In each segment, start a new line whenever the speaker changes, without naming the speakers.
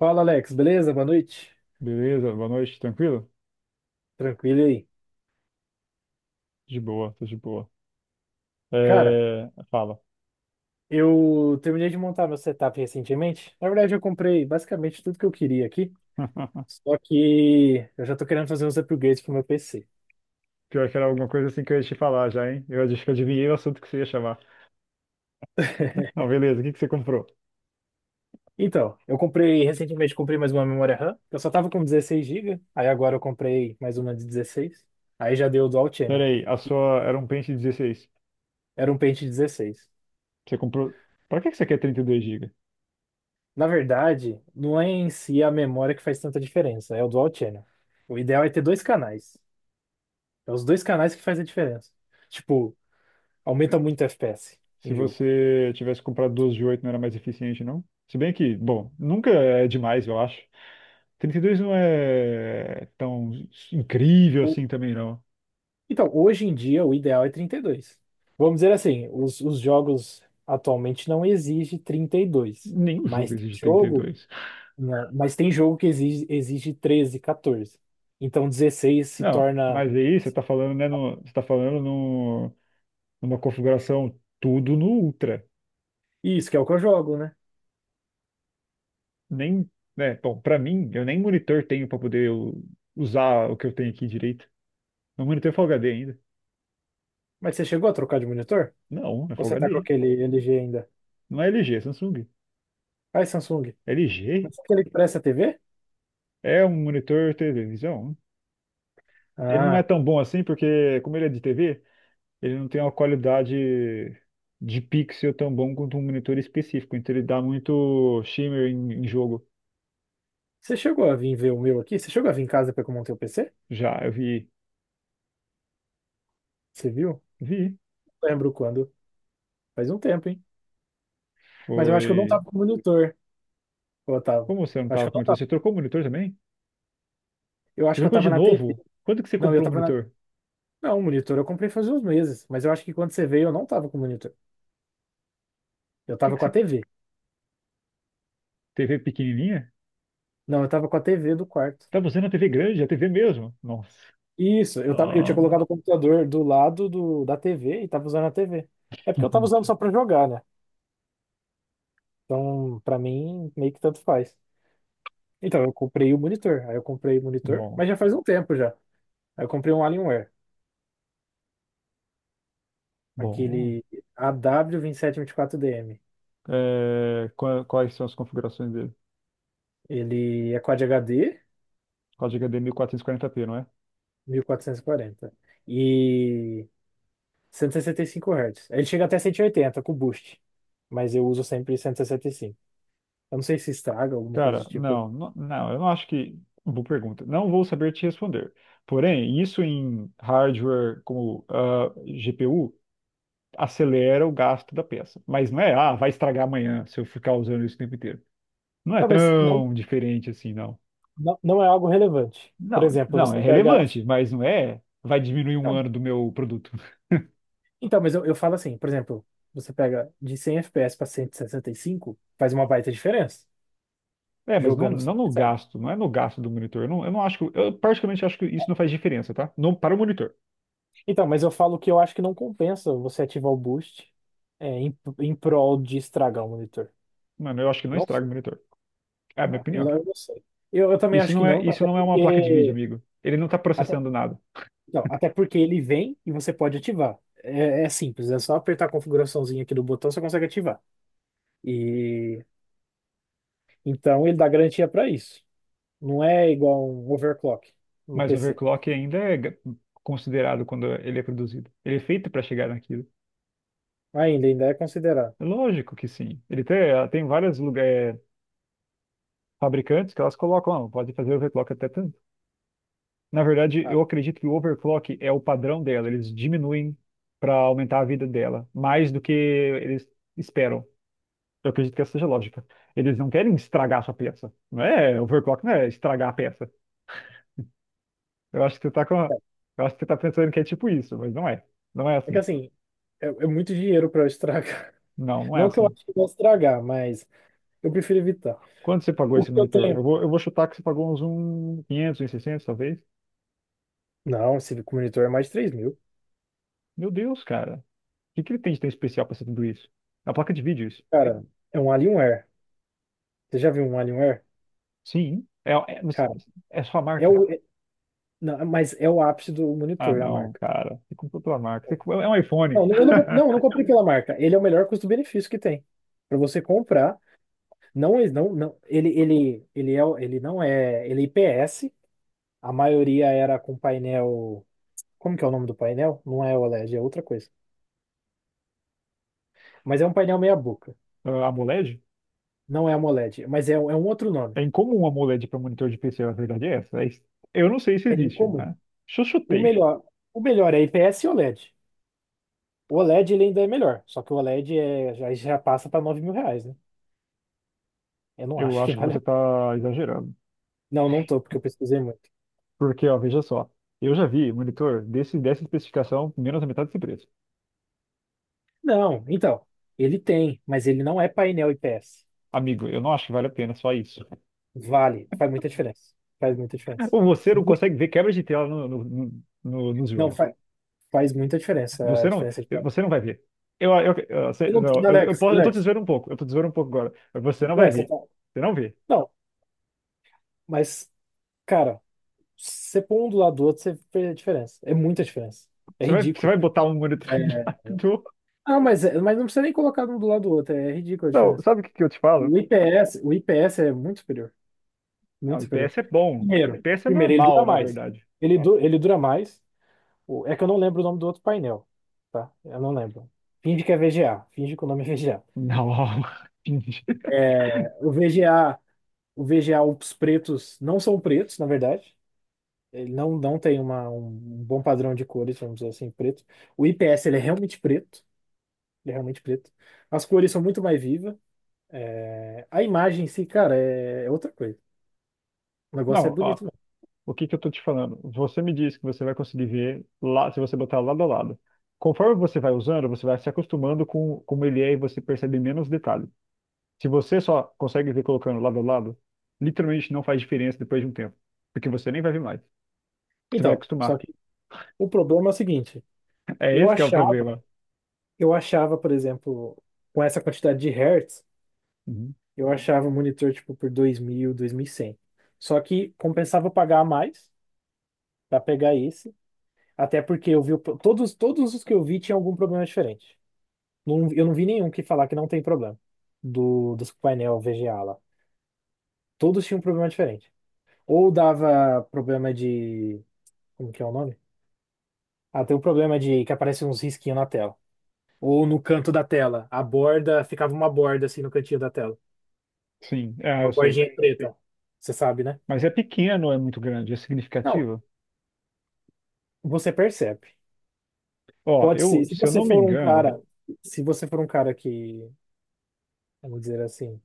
Fala, Alex, beleza? Boa noite.
Beleza? Boa noite, tranquilo?
Tranquilo aí.
De boa, tô de boa.
Cara,
É, fala.
eu terminei de montar meu setup recentemente. Na verdade, eu comprei basicamente tudo que eu queria aqui. Só que eu já tô querendo fazer uns upgrades pro meu PC.
Pior que era alguma coisa assim que eu ia te falar já, hein? Eu acho que adivinhei o assunto que você ia chamar. Não, beleza, o que que você comprou?
Então, eu comprei recentemente, comprei mais uma memória RAM. Eu só tava com 16 GB, aí agora eu comprei mais uma de 16. Aí já deu dual
Pera
channel.
aí, a sua era um pente 16.
Era um pente 16.
Você comprou. Pra que que você quer 32 gigas?
Na verdade, não é em si a memória que faz tanta diferença, é o dual channel. O ideal é ter dois canais. É os dois canais que faz a diferença. Tipo, aumenta muito FPS
Se
em jogo.
você tivesse comprado 12 de 8, não era mais eficiente, não? Se bem que, bom, nunca é demais, eu acho. 32 não é tão incrível
O-
assim também, não.
Então, hoje em dia, o ideal é 32. Vamos dizer assim, os jogos atualmente não exigem 32,
Nenhum
mas
jogo
tem
exige trinta e
jogo,
dois.
né, mas tem jogo que exige 13, 14. Então, 16 se
Não,
torna
mas aí você está falando, né, no, você tá falando no, numa configuração tudo no Ultra.
isso que é o que eu jogo, né?
Nem, né, bom, para mim, eu nem monitor tenho para poder usar o que eu tenho aqui direito. Meu monitor é Full HD ainda.
Mas você chegou a trocar de monitor?
Não, é
Ou
Full
você tá com
HD.
aquele LG ainda?
Não é LG, é Samsung.
Ai, Samsung,
LG
mas é aquele que parece a TV?
é um monitor televisão. Ele não é
Ah,
tão bom assim porque, como ele é de TV, ele não tem uma qualidade de pixel tão bom quanto um monitor específico. Então ele dá muito shimmer em jogo.
você chegou a vir ver o meu aqui? Você chegou a vir em casa para eu montei o PC?
Já, eu vi.
Você viu?
Vi.
Lembro quando. Faz um tempo, hein? Mas eu acho que eu não
Foi.
tava com monitor, ô, Otávio.
Como você não
Eu acho que
tava
eu
com
não
monitor?
tava.
Você trocou o monitor também?
Eu
Você
acho que eu
trocou de
tava na TV.
novo? Quando que você
Não, eu
comprou o
tava na.
monitor? O
Não, monitor eu comprei faz uns meses. Mas eu acho que quando você veio eu não tava com monitor. Eu
que
tava
que
com a
você.
TV.
TV pequenininha?
Não, eu tava com a TV do quarto.
Tava usando a TV grande, a TV mesmo? Nossa.
Isso, eu tinha
Ah.
colocado o computador do lado da TV e tava usando a TV. É porque eu tava usando só pra jogar, né? Então, pra mim, meio que tanto faz. Então, eu comprei o monitor. Aí eu comprei o monitor,
Bom,
mas já faz um tempo já. Aí eu comprei um Alienware,
bom.
aquele AW2724DM.
É, quais são as configurações dele?
Ele é Quad HD
Código H D 1440p não é?
1440 e 160 e cento cinco Hz. Ele chega até 180 com boost, mas eu uso sempre 165. Eu não sei se estraga alguma coisa
Cara,
do tipo.
não, não, não, eu não acho que. Boa pergunta. Não vou saber te responder. Porém, isso em hardware como GPU acelera o gasto da peça. Mas não é, vai estragar amanhã se eu ficar usando isso o tempo inteiro. Não é
Tá, mas
tão diferente assim, não.
não é algo relevante. Por
Não,
exemplo,
não,
você
é
pega.
relevante, mas não é, vai diminuir um
Não.
ano do meu produto.
Então, mas eu falo assim, por exemplo, você pega de 100 FPS para cento e sessenta e cinco, faz uma baita diferença.
É, mas não,
Jogando você
não no
percebe.
gasto, não é no gasto do monitor. Eu não acho que, eu particularmente acho que isso não faz diferença, tá? Não, para o monitor.
Então, mas eu falo que eu acho que não compensa você ativar o boost em prol de estragar o monitor.
Mano, eu acho que não
Não.
estraga o monitor. É a minha
Tá? Eu,
opinião.
eu não sei. Eu também
Isso
acho que
não é,
não,
isso
até
não é uma placa de vídeo,
porque,
amigo. Ele não está
até,
processando nada.
não, até porque ele vem e você pode ativar. É, simples, é só apertar a configuraçãozinha aqui do botão, você consegue ativar. E então ele dá garantia para isso. Não é igual um overclock no
Mas o
PC.
overclock ainda é considerado quando ele é produzido. Ele é feito para chegar naquilo.
Ainda é considerado.
Lógico que sim. Ele tem vários lugares, fabricantes que elas colocam, "Ah, pode fazer overclock até tanto. Na verdade,
Ah,
eu acredito que o overclock é o padrão dela. Eles diminuem para aumentar a vida dela, mais do que eles esperam. Eu acredito que essa seja a lógica. Eles não querem estragar a sua peça. Não é overclock, não é estragar a peça. Eu acho que você tá com, a- eu acho que você tá pensando que é tipo isso, mas não é. Não é
é que
assim.
assim, é muito dinheiro para eu estragar.
Não, não é
Não que eu
assim.
acho que vou estragar, mas eu prefiro evitar.
Quanto você pagou
O
esse
que eu
monitor? Eu
tenho?
vou, eu vou chutar que você pagou uns 1.500 uns 600, talvez.
Não, esse monitor é mais de 3.000.
Meu Deus, cara. O que que ele tem de tão especial para ser tudo isso? É uma placa de vídeo isso.
Cara, é um Alienware. Você já viu um Alienware?
Sim, é, mas
Cara,
é sua
É
marca.
o, é- não, mas é o ápice do
Ah,
monitor, a
não,
marca.
cara. Você comprou tua marca. É um iPhone.
Não, eu não comprei pela marca. Ele é o melhor custo-benefício que tem. Para você comprar, não, ele não é, ele é IPS. A maioria era com painel. Como que é o nome do painel? Não é OLED, é outra coisa. Mas é um painel meia boca.
Ah, AMOLED?
Não é AMOLED, mas é um outro nome.
É incomum um AMOLED para monitor de PC, a verdade é essa. Eu não sei se
É
existe,
incomum.
né? Se eu
O
chutei,
melhor, o melhor é IPS e OLED. O OLED ele ainda é melhor, só que o OLED já passa para R$ 9.000, né? Eu não
eu
acho que
acho que
vale.
você está exagerando.
Não, não tô, porque eu pesquisei muito.
Porque, ó, veja só. Eu já vi monitor desse, dessa especificação menos da metade desse preço.
Não, então, ele tem, mas ele não é painel IPS.
Amigo, eu não acho que vale a pena só isso.
Vale, faz muita diferença. Faz muita diferença.
Ou você não
Mu-
consegue ver quebra de tela nos
Não,
jogos.
faz muita diferença a
Você não,
diferença de painel.
você não vai ver.
Eu
Não,
não, Alex,
eu tô te
Alex.
zoando um pouco, eu tô te zoando um pouco agora. Mas você não vai
É, você
ver.
tá-
Você não vê.
Não, mas, cara, você põe um do lado do outro, você vê a diferença. É muita diferença. É
Você vai, você
ridículo.
vai botar um
É.
monitorador.
Ah, mas, mas não precisa nem colocar um do lado do outro, é ridículo a
Não,
diferença.
sabe o que que eu te falo?
O IPS é muito superior.
Não,
Muito superior.
IPS é bom.
Primeiro,
IPS é
primeiro, ele dura
normal, na
mais.
verdade.
Ele dura mais. É que eu não lembro o nome do outro painel, tá? Eu não lembro. Finge que é VGA. Finge que o nome é VGA.
Não,
O VGA, o VGA, os pretos não são pretos, na verdade. Ele não tem um bom padrão de cores, vamos dizer assim, preto. O IPS, ele é realmente preto. Ele é realmente preto. As cores são muito mais vivas. A imagem em si, cara, é outra coisa. O negócio é
não, ó.
bonito mesmo.
O que que eu tô te falando? Você me disse que você vai conseguir ver lá, se você botar lado a lado. Conforme você vai usando, você vai se acostumando com como ele é e você percebe menos detalhes. Se você só consegue ver colocando lado a lado, literalmente não faz diferença depois de um tempo. Porque você nem vai ver mais. Você vai
Então, só
acostumar.
que o problema é o seguinte.
É
Eu
esse que é o
achava
problema.
Eu achava, por exemplo, com essa quantidade de hertz,
Uhum.
eu achava o monitor tipo por dois mil, 2.100. Só que compensava eu pagar a mais para pegar esse, até porque eu vi todos os que eu vi tinham algum problema diferente. Eu não vi nenhum que falar que não tem problema do dos painel VGA lá. Todos tinham um problema diferente. Ou dava problema de, como que é o nome? Ah, tem um problema de que aparece uns risquinhos na tela. Ou no canto da tela, a borda ficava uma borda assim no cantinho da tela.
Sim,
Uma
eu sei.
bordinha preta. Você sabe, né?
Mas é pequeno, é muito grande, é
Não,
significativo.
você percebe.
Ó,
Pode ser. Se
se eu
você
não me
for um
engano,
cara, se você for um cara que, vamos dizer assim,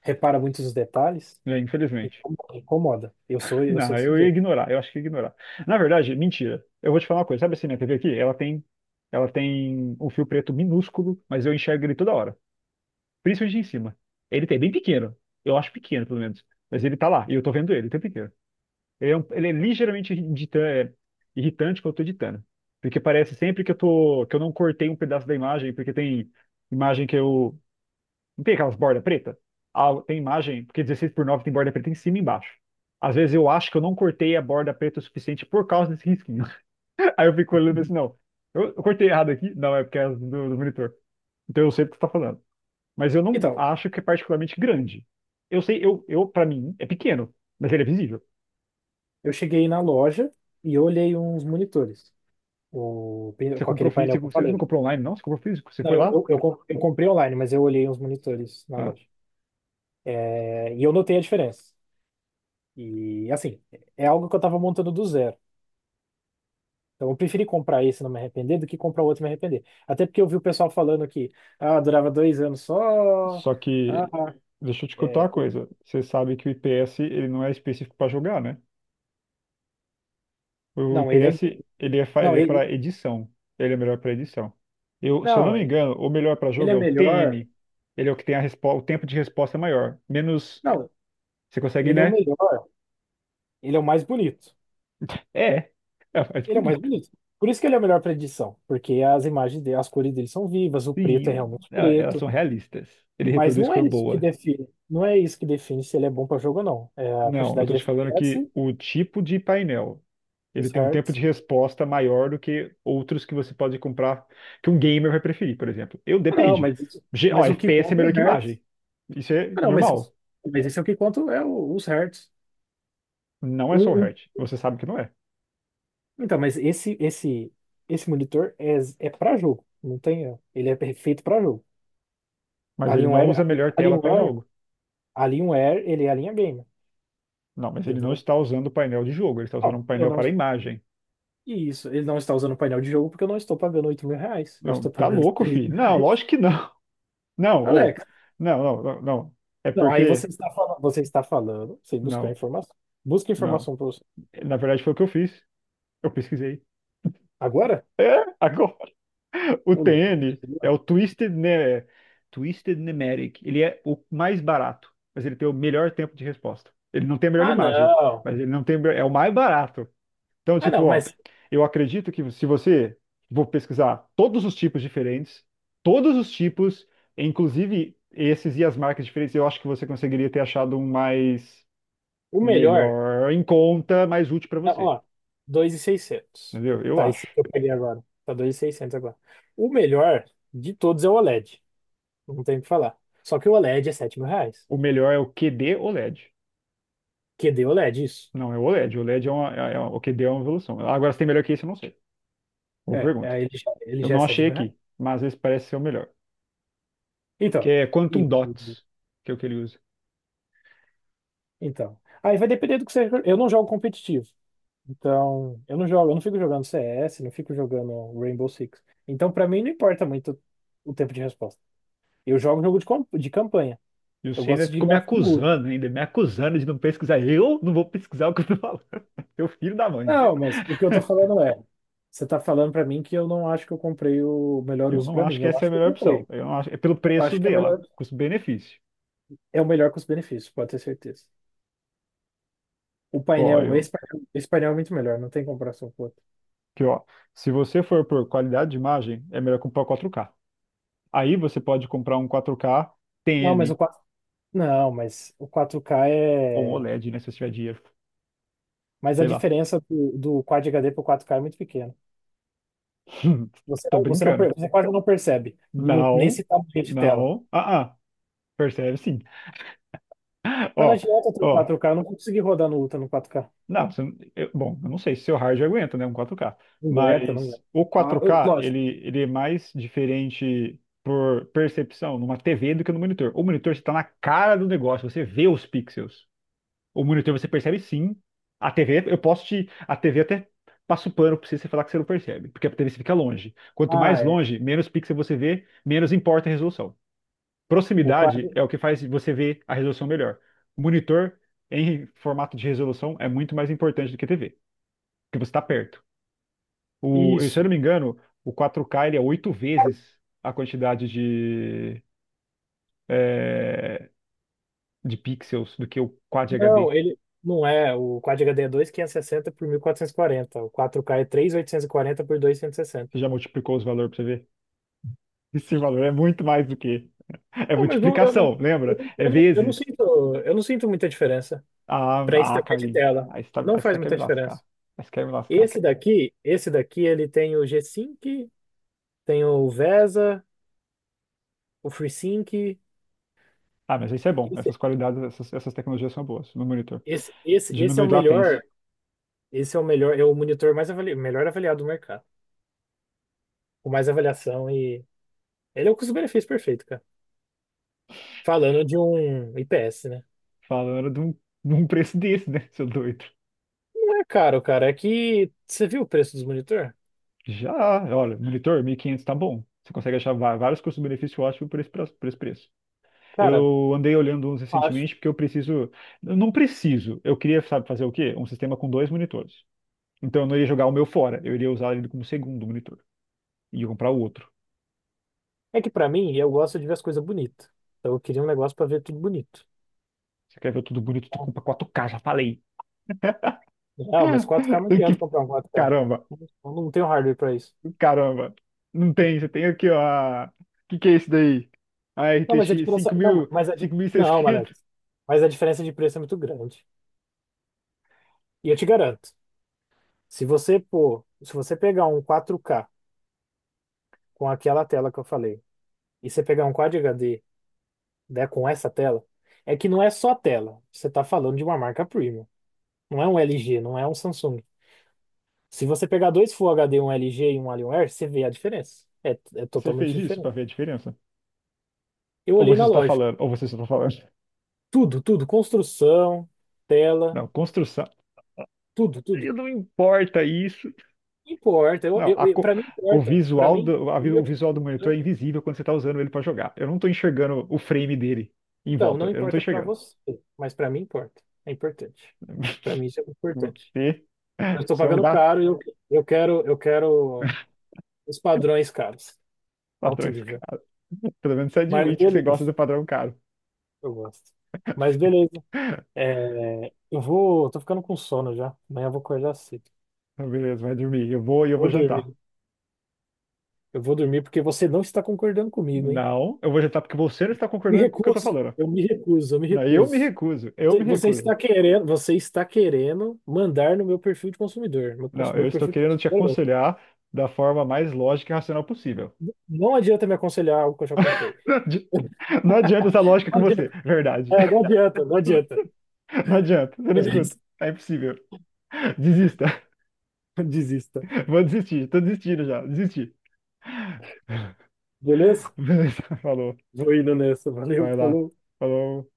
repara muitos os detalhes,
né, infelizmente.
incomoda. Incomoda. Eu sou, eu sou
Não,
desse
eu ia
jeito.
ignorar, eu acho que ia ignorar. Na verdade, mentira. Eu vou te falar uma coisa. Sabe assim, minha TV aqui? Ela tem um fio preto minúsculo, mas eu enxergo ele toda hora. Principalmente em cima. Ele tem bem pequeno. Eu acho pequeno, pelo menos. Mas ele tá lá, e eu tô vendo ele o tempo inteiro. Ele é ligeiramente irritante quando eu tô editando. Porque parece sempre que eu não cortei um pedaço da imagem, porque tem imagem que eu. Não tem aquelas bordas pretas? Ah, tem imagem, porque 16:9 tem borda preta em cima e embaixo. Às vezes eu acho que eu não cortei a borda preta o suficiente por causa desse risquinho. Aí eu fico olhando e penso, não, eu cortei errado aqui? Não, é porque é do monitor. Então eu sei o que você tá falando. Mas eu não
Então,
acho que é particularmente grande. Eu sei, eu para mim, é pequeno, mas ele é visível.
eu cheguei na loja e olhei uns monitores. O,
Você
com
comprou
aquele painel que eu
físico, você não
falei.
comprou online, não? Você comprou físico? Você
Não,
foi
eu,
lá?
eu, eu com- eu comprei online, mas eu olhei uns monitores na
Ah,
loja. É, e eu notei a diferença. E assim, é algo que eu estava montando do zero. Então, eu preferi comprar esse e não me arrepender do que comprar outro e me arrepender. Até porque eu vi o pessoal falando que durava 2 anos só.
só que,
Ah,
deixa eu te contar uma
é, o-
coisa. Você sabe que o IPS, ele não é específico para jogar, né? O
não, ele é
IPS,
game.
ele é, fa-
Não,
ele é
ele,
para edição. Ele é melhor para edição. Eu, se eu não
não,
me
ele
engano, o melhor para
ele
jogo
é
é o
melhor.
TN. Ele é o que tem o tempo de resposta maior. Menos,
Não,
você consegue,
ele é o
né?
melhor. Ele é o mais bonito.
É, é mais
Ele é o mais
bonito.
bonito. Por isso que ele é o melhor para edição. Porque as imagens dele, as cores dele são vivas, o preto é
Sim,
realmente
Elas são
preto.
realistas. Ele
Mas
reproduz
não é
cor
isso que
boa.
define. Não é isso que define se ele é bom para jogo ou não. É a
Não, eu
quantidade
tô
de
te falando que
FPS,
o tipo de painel, ele
os
tem um tempo de
hertz.
resposta maior do que outros que você pode comprar, que um gamer vai preferir, por exemplo. Eu
Ah, não,
depende.
mas, isso-
Ó,
mas o que
FPS é
conta é o
melhor que
hertz.
imagem. Isso é
Ah, não, mas, isso-
normal.
mas esse é o que conto é os hertz.
Não é só
Um-
o
um-
Hertz. Você sabe que não é.
Então, mas esse monitor é para jogo, não tem, ó. Ele é feito para jogo.
Mas ele não
Alienware,
usa a melhor tela para
Alienware,
jogo.
Alienware, ele é a linha gamer,
Não, mas
tá
ele não
entendeu?
está usando o painel de jogo, ele está usando um
Não, eu
painel
não,
para imagem.
isso, ele não está usando o painel de jogo porque eu não estou pagando R$ 8.000, eu
Não,
estou
tá
pagando
louco,
três
fi.
mil
Não,
reais.
lógico que não. Não, ô.
Alex,
Não, não, não, não. É
não, aí
porque.
você está falando, sem buscar
Não,
informação. Busca
não.
informação para você.
Na verdade, foi o que eu fiz. Eu pesquisei.
Agora?
É, agora o
Ô, louco, não
TN é
precisa.
o Twisted, ne Twisted Nemeric. Ele é o mais barato, mas ele tem o melhor tempo de resposta. Ele não tem a melhor
Ah,
imagem,
não.
mas ele não tem, é o mais barato. Então,
Ah,
tipo,
não,
ó,
mas
eu acredito que se você vou pesquisar todos os tipos diferentes, todos os tipos, inclusive esses e as marcas diferentes, eu acho que você conseguiria ter achado um mais
o melhor.
melhor em conta, mais útil para
Não,
você.
ó, 2.600.
Entendeu? Eu
Tá, esse
acho.
que eu peguei agora. Tá 2.600 agora. O melhor de todos é o OLED. Não tem o que falar. Só que o OLED é R$ 7.000.
O melhor é o QD OLED.
QD OLED, isso.
Não, é o OLED. O LED é o que deu uma evolução. Agora, se tem melhor que isso, eu não sei. Boa pergunta.
Ele já, ele
Eu
já é
não
sete
achei
mil reais.
aqui, mas às parece ser o melhor. Que
Então,
é
e-
Quantum Dots, que é o que ele usa.
então. Aí vai depender do que você. Eu não jogo competitivo. Então, eu não fico jogando CS, não fico jogando Rainbow Six. Então, pra mim, não importa muito o tempo de resposta. Eu jogo jogo de campanha.
E
Eu
você ainda
gosto de
ficou me
gráfico.
acusando, ainda me acusando de não pesquisar. Eu não vou pesquisar o que eu tô falando. Meu filho da mãe.
Não, mas o que eu tô falando é, você tá falando pra mim que eu não acho que eu comprei o melhor
Eu
uso
não
pra
acho
mim.
que
Eu
essa é
acho
a
que eu
melhor
comprei.
opção. Eu não acho, é pelo
Eu
preço
acho que é melhor,
dela, custo-benefício.
é o melhor custo-benefício, pode ter certeza. O
Pô,
painel, esse painel é muito melhor, não tem comparação com o outro.
que ó, se você for por qualidade de imagem, é melhor comprar o 4K. Aí você pode comprar um 4K
Não, mas o
TN
quatro. Não, mas o 4 k
ou um
é,
OLED, né, se você tiver dinheiro.
mas a
Sei lá.
diferença do Quad HD pro quatro k é muito pequena. Você
Tá
não, você não,
brincando.
per- você quase não percebe
Não,
nesse tamanho de tela.
não. Percebe sim.
Mas não
Ó,
adianta ter
ó.
quatro k. Eu não consegui rodar no Ultra no quatro k.
Não, bom, eu não sei se seu hard aguenta, né? Um 4K.
Não aguenta, não
Mas
aguenta.
o
Ah,
4K,
lógico.
ele é mais diferente por percepção numa TV do que no monitor. O monitor está na cara do negócio, você vê os pixels. O monitor você percebe sim. A TV, eu posso te. A TV até passa o pano pra você, você falar que você não percebe, porque a TV você fica longe. Quanto
Ah,
mais
é.
longe, menos pixel você vê, menos importa a resolução.
O
Proximidade
4.
é o que faz você ver a resolução melhor. O monitor em formato de resolução é muito mais importante do que a TV, porque você está perto. Se eu
Isso.
não me engano, o 4K ele é oito vezes a quantidade é, de pixels do que o Quad
Não,
HD.
ele não é. O Quad HD é 2560 por 1440. O quatro k é 3.840 por 2.160.
Você já multiplicou os valores para você ver? Esse valor é muito mais do que. É
Não, mas não,
multiplicação, lembra? É
eu não
vezes.
sinto, eu não sinto muita diferença para esse
Ah,
tamanho de
Carlinhos.
tela.
Aí você, tá,
Não faz
quer
muita
me lascar.
diferença.
Aí você quer me lascar.
Esse daqui, ele tem o G-Sync, tem o VESA, o FreeSync.
Ah, mas isso é bom.
Esse,
Essas qualidades, essas tecnologias são boas no monitor.
esse é o
Diminui latência.
melhor, é o monitor melhor avaliado do mercado, com mais avaliação e ele é o custo-benefício perfeito, cara. Falando de um IPS, né?
Falando de um, preço desse, né, seu doido?
Não é caro, cara. É que você viu o preço dos monitor?
Já, olha, monitor, 1.500 tá bom. Você consegue achar vários custo-benefício ótimo por esse, por esse preço.
Cara,
Eu andei olhando uns
acho.
recentemente porque eu preciso. Eu Não preciso. Eu queria, sabe, fazer o quê? Um sistema com 2 monitores. Então eu não ia jogar o meu fora. Eu iria usar ele como segundo monitor. E ia comprar o outro.
É que pra mim, eu gosto de ver as coisas bonitas. Então eu queria um negócio pra ver tudo bonito.
Você quer ver tudo bonito? Tu compra 4K já falei.
Não, mas quatro k não adianta
Que-
comprar um quatro k.
Caramba,
Eu não tenho hardware pra isso.
Caramba, não tem, você tem aqui, ó. O que que é isso daí? A
Não, mas a
RTX
diferença. Não,
5000,
mas a, não, Alex.
5600.
Mas a diferença de preço é muito grande. E eu te garanto, se você pegar um quatro k com aquela tela que eu falei, e você pegar um Quad HD né, com essa tela, é que não é só tela. Você está falando de uma marca premium. Não é um LG, não é um Samsung. Se você pegar dois Full HD, um LG e um Alienware, você vê a diferença. É,
Você fez
totalmente
isso
diferente.
pra ver a diferença?
Eu
Ou
olhei
você
na
está
loja.
falando, ou você só está falando.
Tudo, tudo. Construção, tela,
Não, construção.
tudo, tudo.
E não importa isso.
Não importa. Eu,
Não,
eu, eu- pra mim
o
importa. Pra
visual
mim,
do, a
o
vi- o
meu tipo de
visual do monitor é
computador.
invisível quando você está usando ele para jogar. Eu não estou enxergando o frame dele em
Então,
volta.
não
Eu não estou
importa pra
enxergando.
você, mas pra mim importa. É importante. Pra mim isso é importante.
Você,
Eu estou
você é um
pagando
gato.
caro e eu, eu quero os padrões caros. Alto
Patrões,
nível.
cara. Pelo menos você
Mas
admite que você
beleza,
gosta do padrão caro.
eu gosto. Mas beleza. É, eu vou. Tô ficando com sono já. Amanhã eu vou acordar cedo.
Beleza, vai dormir. Eu vou e eu vou
Vou
jantar.
dormir. Eu vou dormir porque você não está concordando comigo, hein?
Não, eu vou rejeitar porque você não está
Me
concordando com o que eu estou
recuso.
falando.
Eu me recuso, eu me
Não, eu me
recuso.
recuso, eu
Você
me
você está
recuso.
querendo, mandar no meu perfil de consumidor. Meu,
Não,
cons-
eu
meu
estou
perfil de
querendo te
consumidor.
aconselhar da forma mais lógica e racional possível.
Não adianta me aconselhar algo que eu já comprei.
Não adi- não adianta essa lógica com
Não
você,
adianta,
verdade.
não adianta, não adianta.
Não adianta, eu não escuto.
Beleza.
É impossível. Desista.
Desista.
Vou desistir, tô desistindo já, desisti.
Beleza?
Beleza, falou.
Vou indo nessa. Valeu,
Vai lá.
falou.
Falou.